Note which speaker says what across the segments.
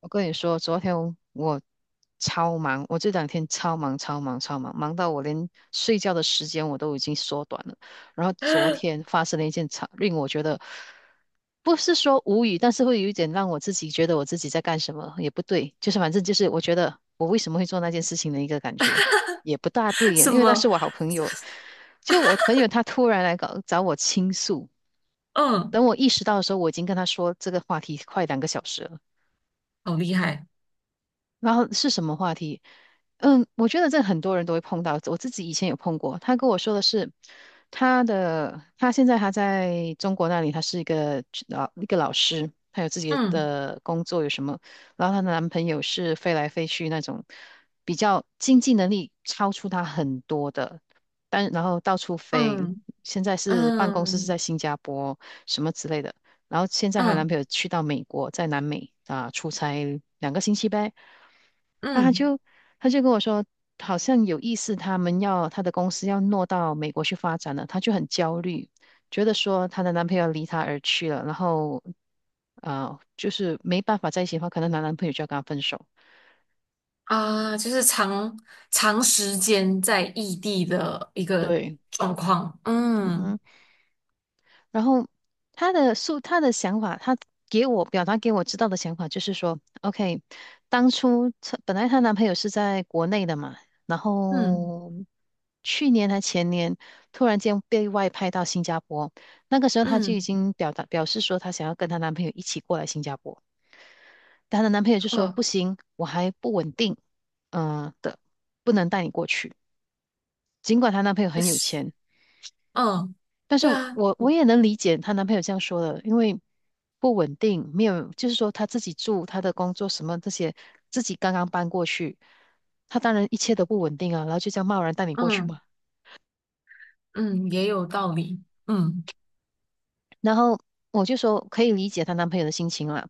Speaker 1: 我跟你说，昨天我超忙，我这两天超忙、超忙、超忙，忙到我连睡觉的时间我都已经缩短了。然后昨天 发生了一件超令我觉得不是说无语，但是会有一点让我自己觉得我自己在干什么也不对，就是反正就是我觉得我为什么会做那件事情的一个感觉也不大对耶，
Speaker 2: 什
Speaker 1: 因为那
Speaker 2: 么？
Speaker 1: 是我好朋友，就我朋友他突然来搞找我倾诉，
Speaker 2: 嗯，
Speaker 1: 等我意识到的时候，我已经跟他说这个话题快2个小时了。
Speaker 2: 好厉害。
Speaker 1: 然后是什么话题？嗯，我觉得这很多人都会碰到，我自己以前有碰过。他跟我说的是，他现在他在中国那里，他是一个老师，他有自己
Speaker 2: 嗯
Speaker 1: 的工作，有什么？然后她的男朋友是飞来飞去那种，比较经济能力超出她很多的，但然后到处飞。
Speaker 2: 嗯
Speaker 1: 现在是办公室是在
Speaker 2: 嗯
Speaker 1: 新加坡什么之类的，然后现在她男
Speaker 2: 嗯
Speaker 1: 朋友去到美国，在南美啊、出差2个星期呗。那她
Speaker 2: 嗯
Speaker 1: 就她就跟我说，好像有意思，他们要她的公司要挪到美国去发展了，她就很焦虑，觉得说她的男朋友离她而去了，然后就是没办法在一起的话，可能她男朋友就要跟她分手。
Speaker 2: 啊，就是长时间在异地的一个
Speaker 1: 对，
Speaker 2: 状况。
Speaker 1: 嗯哼。
Speaker 2: 嗯
Speaker 1: 然后她的想法，她给我表达给我知道的想法就是说，OK，当初她本来她男朋友是在国内的嘛，然
Speaker 2: 嗯
Speaker 1: 后去年还前年突然间被外派到新加坡，那个时候她就已
Speaker 2: 嗯，
Speaker 1: 经表示说她想要跟她男朋友一起过来新加坡，但她的男朋友就说
Speaker 2: 呃，
Speaker 1: 不行，我还不稳定，嗯、的，不能带你过去。尽管她男朋友
Speaker 2: 可
Speaker 1: 很有
Speaker 2: 是
Speaker 1: 钱，
Speaker 2: 嗯，
Speaker 1: 但是
Speaker 2: 对啊，
Speaker 1: 我也能理解她男朋友这样说的，因为不稳定，没有，就是说她自己住，她的工作什么这些，自己刚刚搬过去，她当然一切都不稳定啊，然后就这样贸然带你过去
Speaker 2: 嗯
Speaker 1: 嘛。
Speaker 2: 嗯，也有道理。嗯，
Speaker 1: 然后我就说可以理解她男朋友的心情啦，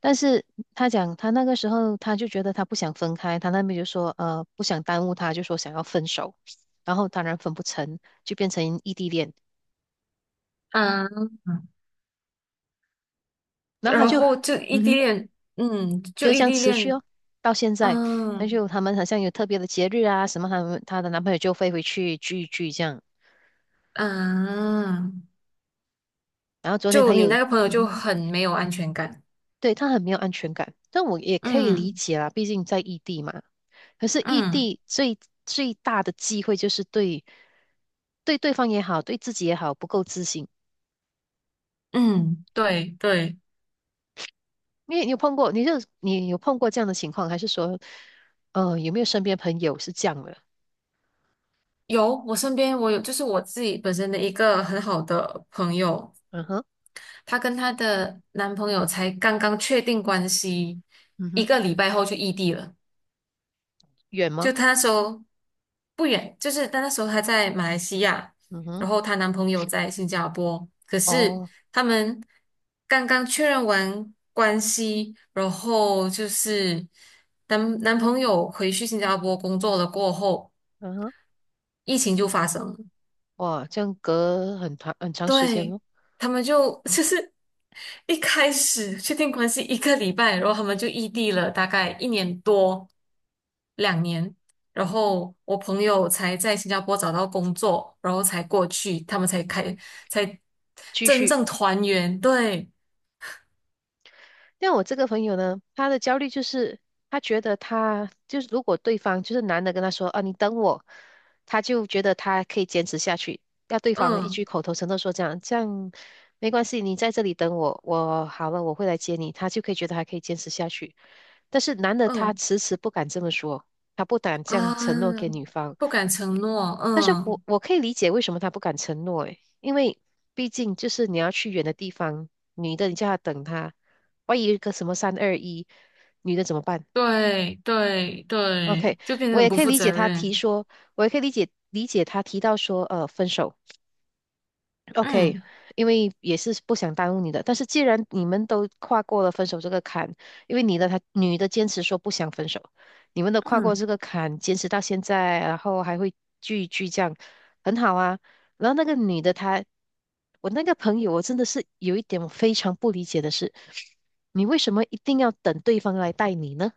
Speaker 1: 但是她讲她那个时候她就觉得她不想分开，她那边就说呃不想耽误她，就说想要分手，然后当然分不成，就变成异地恋，
Speaker 2: 嗯，
Speaker 1: 然后她
Speaker 2: 然
Speaker 1: 就
Speaker 2: 后就异
Speaker 1: 嗯
Speaker 2: 地
Speaker 1: 哼。
Speaker 2: 恋，嗯，就
Speaker 1: 就这
Speaker 2: 异
Speaker 1: 样
Speaker 2: 地
Speaker 1: 持续
Speaker 2: 恋，
Speaker 1: 哦，到现在，那
Speaker 2: 嗯
Speaker 1: 就他们好像有特别的节日啊什么，他们她的男朋友就飞回去聚一聚这样，
Speaker 2: 嗯。
Speaker 1: 那
Speaker 2: 就
Speaker 1: 她
Speaker 2: 你
Speaker 1: 又
Speaker 2: 那个朋友
Speaker 1: 嗯
Speaker 2: 就
Speaker 1: 哼
Speaker 2: 很没有安全感。
Speaker 1: 对她很没有安全感，但我也可以理
Speaker 2: 嗯
Speaker 1: 解啦，毕竟在异地嘛。可是异
Speaker 2: 嗯
Speaker 1: 地最最大的机会就是对方也好，对自己也好不够自信。
Speaker 2: 嗯，对对，
Speaker 1: 因为你有碰过，你有碰过这样的情况，还是说，有没有身边朋友是这样的？
Speaker 2: 有，我身边有，就是我自己本身的一个很好的朋友，
Speaker 1: 嗯哼，
Speaker 2: 她跟她的男朋友才刚刚确定关系，
Speaker 1: 嗯
Speaker 2: 一
Speaker 1: 哼，
Speaker 2: 个礼拜后就异地了。
Speaker 1: 远吗？
Speaker 2: 就她那时候不远，就是她那时候她在马来西亚，
Speaker 1: 嗯哼，
Speaker 2: 然后她男朋友在新加坡，可是
Speaker 1: 哦，
Speaker 2: 他们刚刚确认完关系，然后就是男朋友回去新加坡工作了过后，
Speaker 1: 嗯哼。
Speaker 2: 疫情就发生了。
Speaker 1: 哇，这样隔很长很长时间
Speaker 2: 对，
Speaker 1: 哦。
Speaker 2: 他们就 就是一开始确定关系一个礼拜，然后他们就异地了大概一年多、两年，然后我朋友才在新加坡找到工作，然后才过去，他们才开才
Speaker 1: 继
Speaker 2: 真
Speaker 1: 续，
Speaker 2: 正团圆。对，
Speaker 1: 但我这个朋友呢，他的焦虑就是他觉得他就是如果对方就是男的跟他说啊你等我，他就觉得他可以坚持下去，要对方一
Speaker 2: 嗯。
Speaker 1: 句口头承诺说这样这样没关系，你在这里等我，我好了我会来接你，他就可以觉得还可以坚持下去。但是男的他
Speaker 2: 嗯
Speaker 1: 迟迟不敢这么说，他不敢这样承诺
Speaker 2: 啊，
Speaker 1: 给女方。
Speaker 2: 不敢承诺，
Speaker 1: 但是我
Speaker 2: 嗯，
Speaker 1: 我可以理解为什么他不敢承诺，诶，因为毕竟就是你要去远的地方，女的你叫他等他。万一有一个什么三二一，女的怎么办
Speaker 2: 对对
Speaker 1: ？OK，
Speaker 2: 对，就变得
Speaker 1: 我也
Speaker 2: 很不
Speaker 1: 可以
Speaker 2: 负
Speaker 1: 理解
Speaker 2: 责
Speaker 1: 他提
Speaker 2: 任，
Speaker 1: 说，我也可以理解他提到说，分手。OK，
Speaker 2: 嗯
Speaker 1: 因为也是不想耽误你的，但是既然你们都跨过了分手这个坎，因为你的他女的坚持说不想分手，你们都跨过
Speaker 2: 嗯。
Speaker 1: 这个坎，坚持到现在，然后还会聚一聚这样，很好啊。然后那个女的她，我那个朋友，我真的是有一点我非常不理解的是，你为什么一定要等对方来带你呢？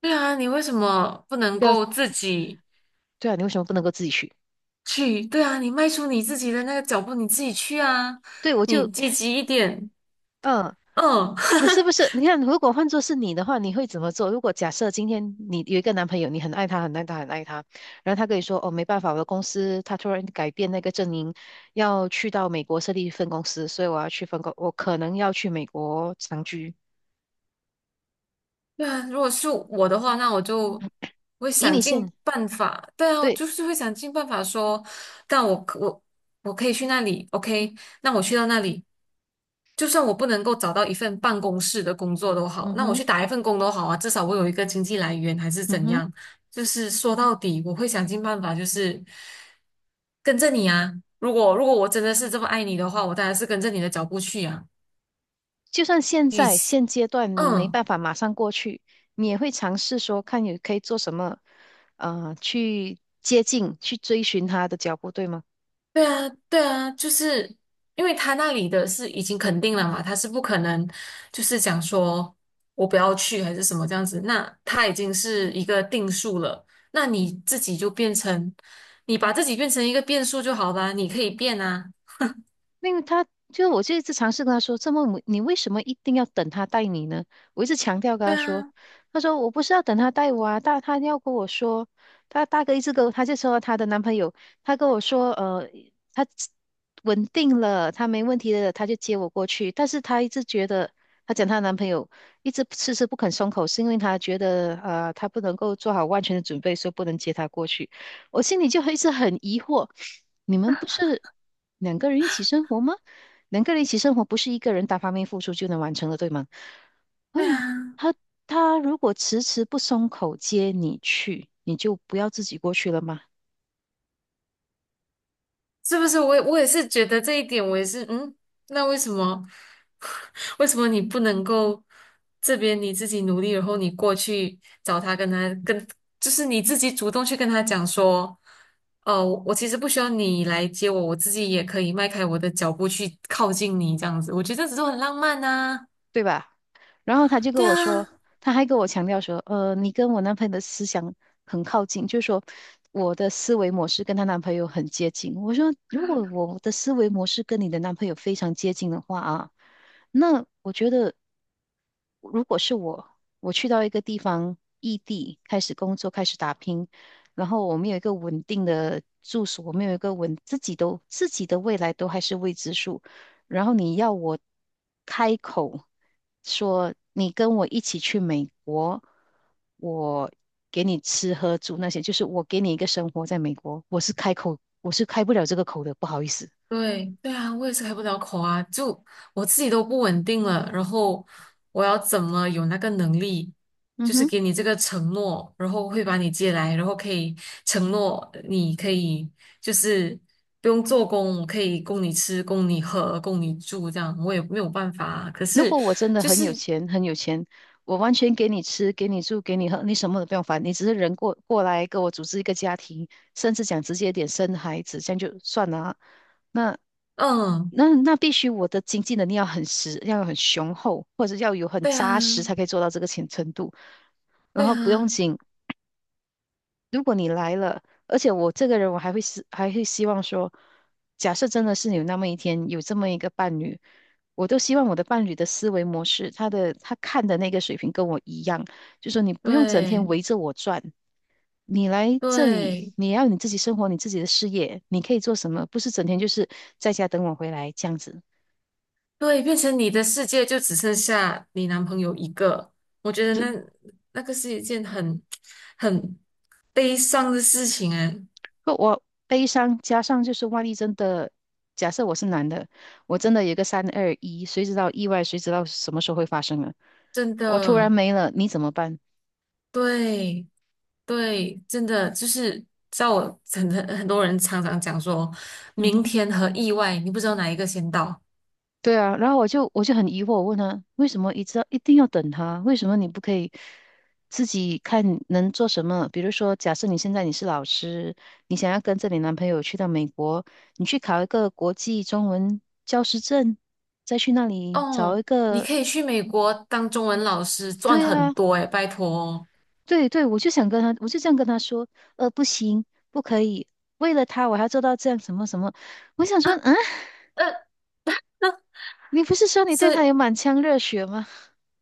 Speaker 2: 对啊，你为什么不能
Speaker 1: 不要，
Speaker 2: 够自己？
Speaker 1: 对啊，你为什么不能够自己去？
Speaker 2: 去，对啊，你迈出你自己的那个脚步，你自己去啊，
Speaker 1: 对，我就，
Speaker 2: 你积极一点，
Speaker 1: 嗯，
Speaker 2: 嗯。
Speaker 1: 你是不是？你看，如果换作是你的话，你会怎么做？如果假设今天你有一个男朋友，你很爱他，很爱他，很爱他，然后他跟你说，哦，没办法，我的公司他突然改变那个阵营，要去到美国设立分公司，所以我要去分公，我可能要去美国长居。
Speaker 2: 对啊，如果是我的话，那我就会
Speaker 1: 以
Speaker 2: 想
Speaker 1: 你
Speaker 2: 尽
Speaker 1: 现，
Speaker 2: 办法。对啊，我
Speaker 1: 对，
Speaker 2: 就是会想尽办法说，但我可以去那里，OK？那我去到那里，就算我不能够找到一份办公室的工作都好，
Speaker 1: 嗯
Speaker 2: 那我
Speaker 1: 哼，
Speaker 2: 去打一份工都好啊，至少我有一个经济来源，还是
Speaker 1: 嗯
Speaker 2: 怎
Speaker 1: 哼。
Speaker 2: 样？就是说到底，我会想尽办法，就是跟着你啊。如果我真的是这么爱你的话，我当然是跟着你的脚步去啊。
Speaker 1: 就算现
Speaker 2: 与
Speaker 1: 在
Speaker 2: 其，
Speaker 1: 现阶段你没
Speaker 2: 嗯。
Speaker 1: 办法马上过去，你也会尝试说看你可以做什么，去接近、去追寻他的脚步，对吗？
Speaker 2: 对啊，对啊，就是因为他那里的是已经肯定了嘛，他是不可能就是讲说我不要去还是什么这样子，那他已经是一个定数了，那你自己就变成，你把自己变成一个变数就好啦，你可以变啊，
Speaker 1: 因为他，就我就一直尝试跟他说，这么你为什么一定要等他带你呢？我一直强调跟
Speaker 2: 对
Speaker 1: 他说，
Speaker 2: 啊，
Speaker 1: 他说我不是要等他带我啊，他要跟我说，他大哥一直跟我他就说他的男朋友，他跟我说，他稳定了，他没问题了，他就接我过去，但是他一直觉得。他讲她的男朋友一直迟迟不肯松口，是因为他觉得他不能够做好万全的准备，所以不能接他过去。我心里就一直很疑惑，你们不是两个人一起生活吗？两个人一起生活不是一个人单方面付出就能完成的，对吗？我
Speaker 2: 对
Speaker 1: 想
Speaker 2: 啊。
Speaker 1: 他他如果迟迟不松口接你去，你就不要自己过去了吗？
Speaker 2: 是不是？我也是觉得这一点，我也是，嗯，那为什么，为什么你不能够这边你自己努力，然后你过去找他，跟他跟，就是你自己主动去跟他讲说，哦，我其实不需要你来接我，我自己也可以迈开我的脚步去靠近你，这样子，我觉得这种很浪漫呐、
Speaker 1: 对吧？然后他就跟
Speaker 2: 对
Speaker 1: 我
Speaker 2: 啊。
Speaker 1: 说，他还跟我强调说，你跟我男朋友的思想很靠近，就是说我的思维模式跟她男朋友很接近。我说，如果我的思维模式跟你的男朋友非常接近的话啊，那我觉得如果是我，我去到一个地方异地开始工作，开始打拼，然后我们有一个稳定的住所，我们有一个稳自己的未来都还是未知数。然后你要我开口说你跟我一起去美国，我给你吃喝住那些，就是我给你一个生活在美国，我是开口，我是开不了这个口的，不好意思。
Speaker 2: 对对啊，我也是开不了口啊，就我自己都不稳定了，然后我要怎么有那个能力，
Speaker 1: 嗯
Speaker 2: 就是
Speaker 1: 哼。
Speaker 2: 给你这个承诺，然后会把你接来，然后可以承诺你可以就是不用做工，我可以供你吃、供你喝、供你住，这样我也没有办法啊。可
Speaker 1: 如
Speaker 2: 是
Speaker 1: 果我真的
Speaker 2: 就
Speaker 1: 很有
Speaker 2: 是
Speaker 1: 钱，很有钱，我完全给你吃，给你住，给你喝，你什么都不用烦，你只是人过来跟我组织一个家庭，甚至讲直接一点生孩子，这样就算了啊那
Speaker 2: 嗯，
Speaker 1: 那必须我的经济能力要很实，要很雄厚，或者要有很
Speaker 2: 对啊，
Speaker 1: 扎实才可以做到这个程度。然
Speaker 2: 对啊，
Speaker 1: 后不用紧，如果你来了，而且我这个人，我还会是还会希望说，假设真的是有那么一天有这么一个伴侣，我都希望我的伴侣的思维模式，他的他看的那个水平跟我一样，就说你不用整天
Speaker 2: 对
Speaker 1: 围着我转，你来这里，
Speaker 2: 对。
Speaker 1: 你要你自己生活，你自己的事业，你可以做什么，不是整天就是在家等我回来这样子。
Speaker 2: 对，变成你的世界就只剩下你男朋友一个，我觉得那那个是一件很悲伤的事情哎，
Speaker 1: 可我悲伤加上就是万一真的，假设我是男的，我真的有个三二一，谁知道意外，谁知道什么时候会发生啊？
Speaker 2: 真
Speaker 1: 我突然
Speaker 2: 的，
Speaker 1: 没了，你怎么办？
Speaker 2: 对对，真的就是在我很多人常常讲说，
Speaker 1: 嗯
Speaker 2: 明
Speaker 1: 哼，
Speaker 2: 天和意外，你不知道哪一个先到
Speaker 1: 对啊，然后我就很疑惑，我问他为什么一直要一定要等他？为什么你不可以自己看能做什么？比如说，假设你现在你是老师，你想要跟着你男朋友去到美国，你去考一个国际中文教师证，再去那里找
Speaker 2: 哦。
Speaker 1: 一
Speaker 2: 你
Speaker 1: 个，
Speaker 2: 可以去美国当中文老师，赚
Speaker 1: 对
Speaker 2: 很
Speaker 1: 啊。
Speaker 2: 多哎，拜托哦。
Speaker 1: 对对，我就想跟他，我就这样跟他说，不行，不可以，为了他我还要做到这样什么什么。我想
Speaker 2: 啊，
Speaker 1: 说，啊，
Speaker 2: 呃，
Speaker 1: 你不是说你对
Speaker 2: 所
Speaker 1: 他
Speaker 2: 以
Speaker 1: 有满腔热血吗？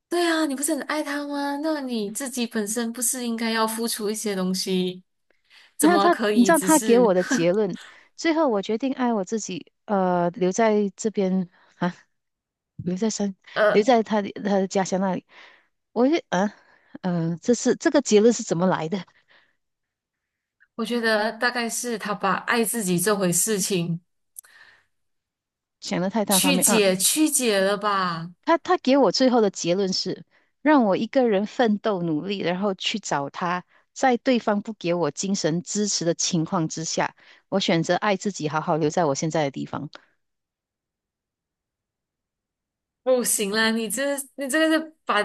Speaker 2: 对啊，你不是很爱他吗？那你自己本身不是应该要付出一些东西？
Speaker 1: 然
Speaker 2: 怎
Speaker 1: 后
Speaker 2: 么
Speaker 1: 他，
Speaker 2: 可
Speaker 1: 你知
Speaker 2: 以
Speaker 1: 道
Speaker 2: 只
Speaker 1: 他给我
Speaker 2: 是
Speaker 1: 的 结论，最后我决定爱我自己，留在这边啊，留在山，留
Speaker 2: 呃，
Speaker 1: 在他的家乡那里。我就啊，这个结论是怎么来的？
Speaker 2: 我觉得大概是他把爱自己这回事情
Speaker 1: 想的太单方
Speaker 2: 曲
Speaker 1: 面啊。
Speaker 2: 解曲解了吧？
Speaker 1: 他给我最后的结论是，让我一个人奋斗努力，然后去找他，在对方不给我精神支持的情况之下，我选择爱自己，好好留在我现在的地方。
Speaker 2: 不行啦，你这个是把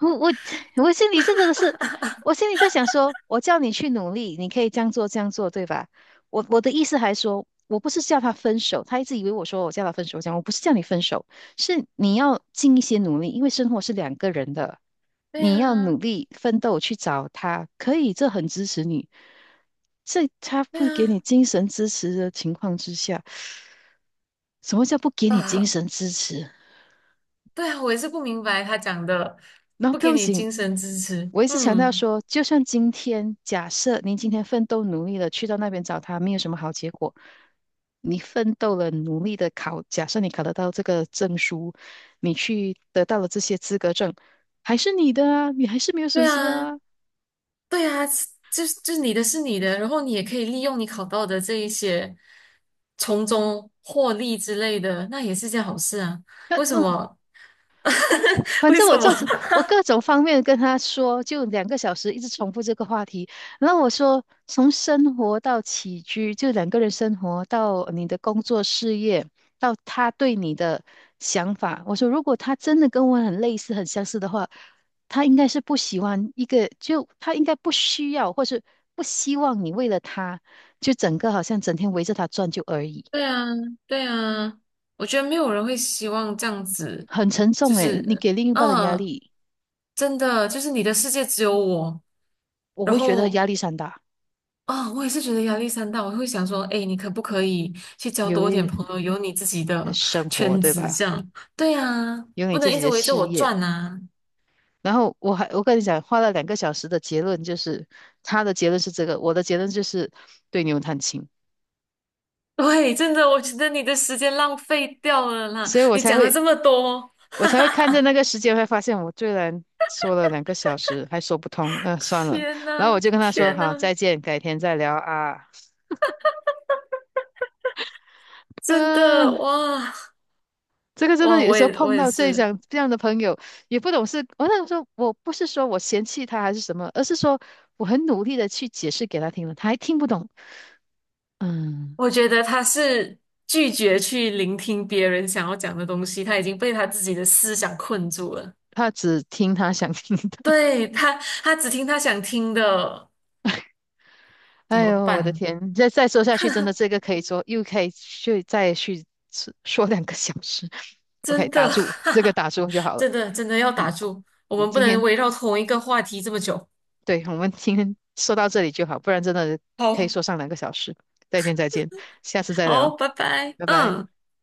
Speaker 1: 我 我心里真的是，我心里在想说，我叫你去努力，你可以这样做这样做，对吧？我的意思还说，我不是叫他分手，他一直以为我说我叫他分手，我讲我不是叫你分手，是你要尽一些努力，因为生活是两个人的，
Speaker 2: 对
Speaker 1: 你要努
Speaker 2: 啊
Speaker 1: 力奋斗去找他，可以，这很支持你，这他
Speaker 2: 对
Speaker 1: 不给你
Speaker 2: 啊
Speaker 1: 精神支持的情况之下，什么叫不给你精
Speaker 2: 呃
Speaker 1: 神支持？
Speaker 2: 对啊，我也是不明白他讲的，
Speaker 1: 那
Speaker 2: 不
Speaker 1: 不
Speaker 2: 给
Speaker 1: 要
Speaker 2: 你
Speaker 1: 紧，
Speaker 2: 精神支持，
Speaker 1: 我一直强调
Speaker 2: 嗯，
Speaker 1: 说，就算今天假设您今天奋斗努力了，去到那边找他，没有什么好结果。你奋斗了，努力的考，假设你考得到这个证书，你去得到了这些资格证，还是你的啊，你还是没有损
Speaker 2: 对
Speaker 1: 失
Speaker 2: 啊。
Speaker 1: 啊。
Speaker 2: 对啊，就是你的是你的，然后你也可以利用你考到的这一些，从中获利之类的，那也是件好事啊。
Speaker 1: 那
Speaker 2: 为什
Speaker 1: 呃，
Speaker 2: 么？
Speaker 1: 我 反
Speaker 2: 为
Speaker 1: 正
Speaker 2: 什
Speaker 1: 我
Speaker 2: 么？
Speaker 1: 就是我各种方面跟他说，就两个小时一直重复这个话题。然后我说，从生活到起居，就两个人生活到你的工作事业，到他对你的想法。我说，如果他真的跟我很类似、很相似的话，他应该是不喜欢一个，就他应该不需要，或是不希望你为了他，就整个好像整天围着他转就而已，
Speaker 2: 对啊，对啊，我觉得没有人会希望这样子，
Speaker 1: 很沉重
Speaker 2: 就
Speaker 1: 诶，你
Speaker 2: 是，
Speaker 1: 给另一半的压
Speaker 2: 嗯，
Speaker 1: 力，
Speaker 2: 真的，就是你的世界只有我，
Speaker 1: 我
Speaker 2: 然
Speaker 1: 会觉得
Speaker 2: 后
Speaker 1: 压力山大。
Speaker 2: 啊、我也是觉得压力山大，我会想说，哎，你可不可以去交
Speaker 1: 有
Speaker 2: 多一点
Speaker 1: 一。
Speaker 2: 朋友，有你自己
Speaker 1: 呃
Speaker 2: 的
Speaker 1: 生活，
Speaker 2: 圈
Speaker 1: 对
Speaker 2: 子这
Speaker 1: 吧？
Speaker 2: 样？对啊，
Speaker 1: 有你
Speaker 2: 不能
Speaker 1: 自
Speaker 2: 一
Speaker 1: 己
Speaker 2: 直
Speaker 1: 的
Speaker 2: 围着
Speaker 1: 事
Speaker 2: 我
Speaker 1: 业。
Speaker 2: 转啊。
Speaker 1: 然后我跟你讲，花了两个小时的结论就是，他的结论是这个，我的结论就是对牛弹琴，
Speaker 2: 对，真的，我觉得你的时间浪费掉了啦。
Speaker 1: 所以我
Speaker 2: 你
Speaker 1: 才
Speaker 2: 讲了
Speaker 1: 会
Speaker 2: 这么多，
Speaker 1: 我才会看着那个时间，会发现我居然说了两个小时还说不通，算了。
Speaker 2: 天
Speaker 1: 然后我
Speaker 2: 呐，
Speaker 1: 就跟他说
Speaker 2: 天
Speaker 1: 好，
Speaker 2: 呐，
Speaker 1: 再见，改天再聊啊。
Speaker 2: 真的，
Speaker 1: 嗯、
Speaker 2: 哇
Speaker 1: 这个真的
Speaker 2: 哇，
Speaker 1: 有
Speaker 2: 我
Speaker 1: 时候
Speaker 2: 也我
Speaker 1: 碰
Speaker 2: 也
Speaker 1: 到这
Speaker 2: 是，
Speaker 1: 种这样的朋友，也不懂是，我想说，我不是说我嫌弃他还是什么，而是说我很努力的去解释给他听了，他还听不懂。嗯，
Speaker 2: 我觉得他是拒绝去聆听别人想要讲的东西，他已经被他自己的思想困住了。
Speaker 1: 他只听他想听的。
Speaker 2: 对，他，他只听他想听的。怎
Speaker 1: 哎
Speaker 2: 么
Speaker 1: 呦，我的
Speaker 2: 办？
Speaker 1: 天！再说下去，真的这个可以说又可以去再去说说两个小时。OK，
Speaker 2: 真
Speaker 1: 打
Speaker 2: 的，
Speaker 1: 住，
Speaker 2: 哈
Speaker 1: 这个
Speaker 2: 哈
Speaker 1: 打住就好了。
Speaker 2: 真的，真的要
Speaker 1: 嗯
Speaker 2: 打住，我
Speaker 1: 嗯，
Speaker 2: 们不
Speaker 1: 今
Speaker 2: 能
Speaker 1: 天
Speaker 2: 围绕同一个话题这么久。
Speaker 1: 对我们今天说到这里就好，不然真的可以
Speaker 2: 好，
Speaker 1: 说上两个小时。再见再见，下次再
Speaker 2: 好，
Speaker 1: 聊，
Speaker 2: 拜拜，
Speaker 1: 拜拜。
Speaker 2: 嗯。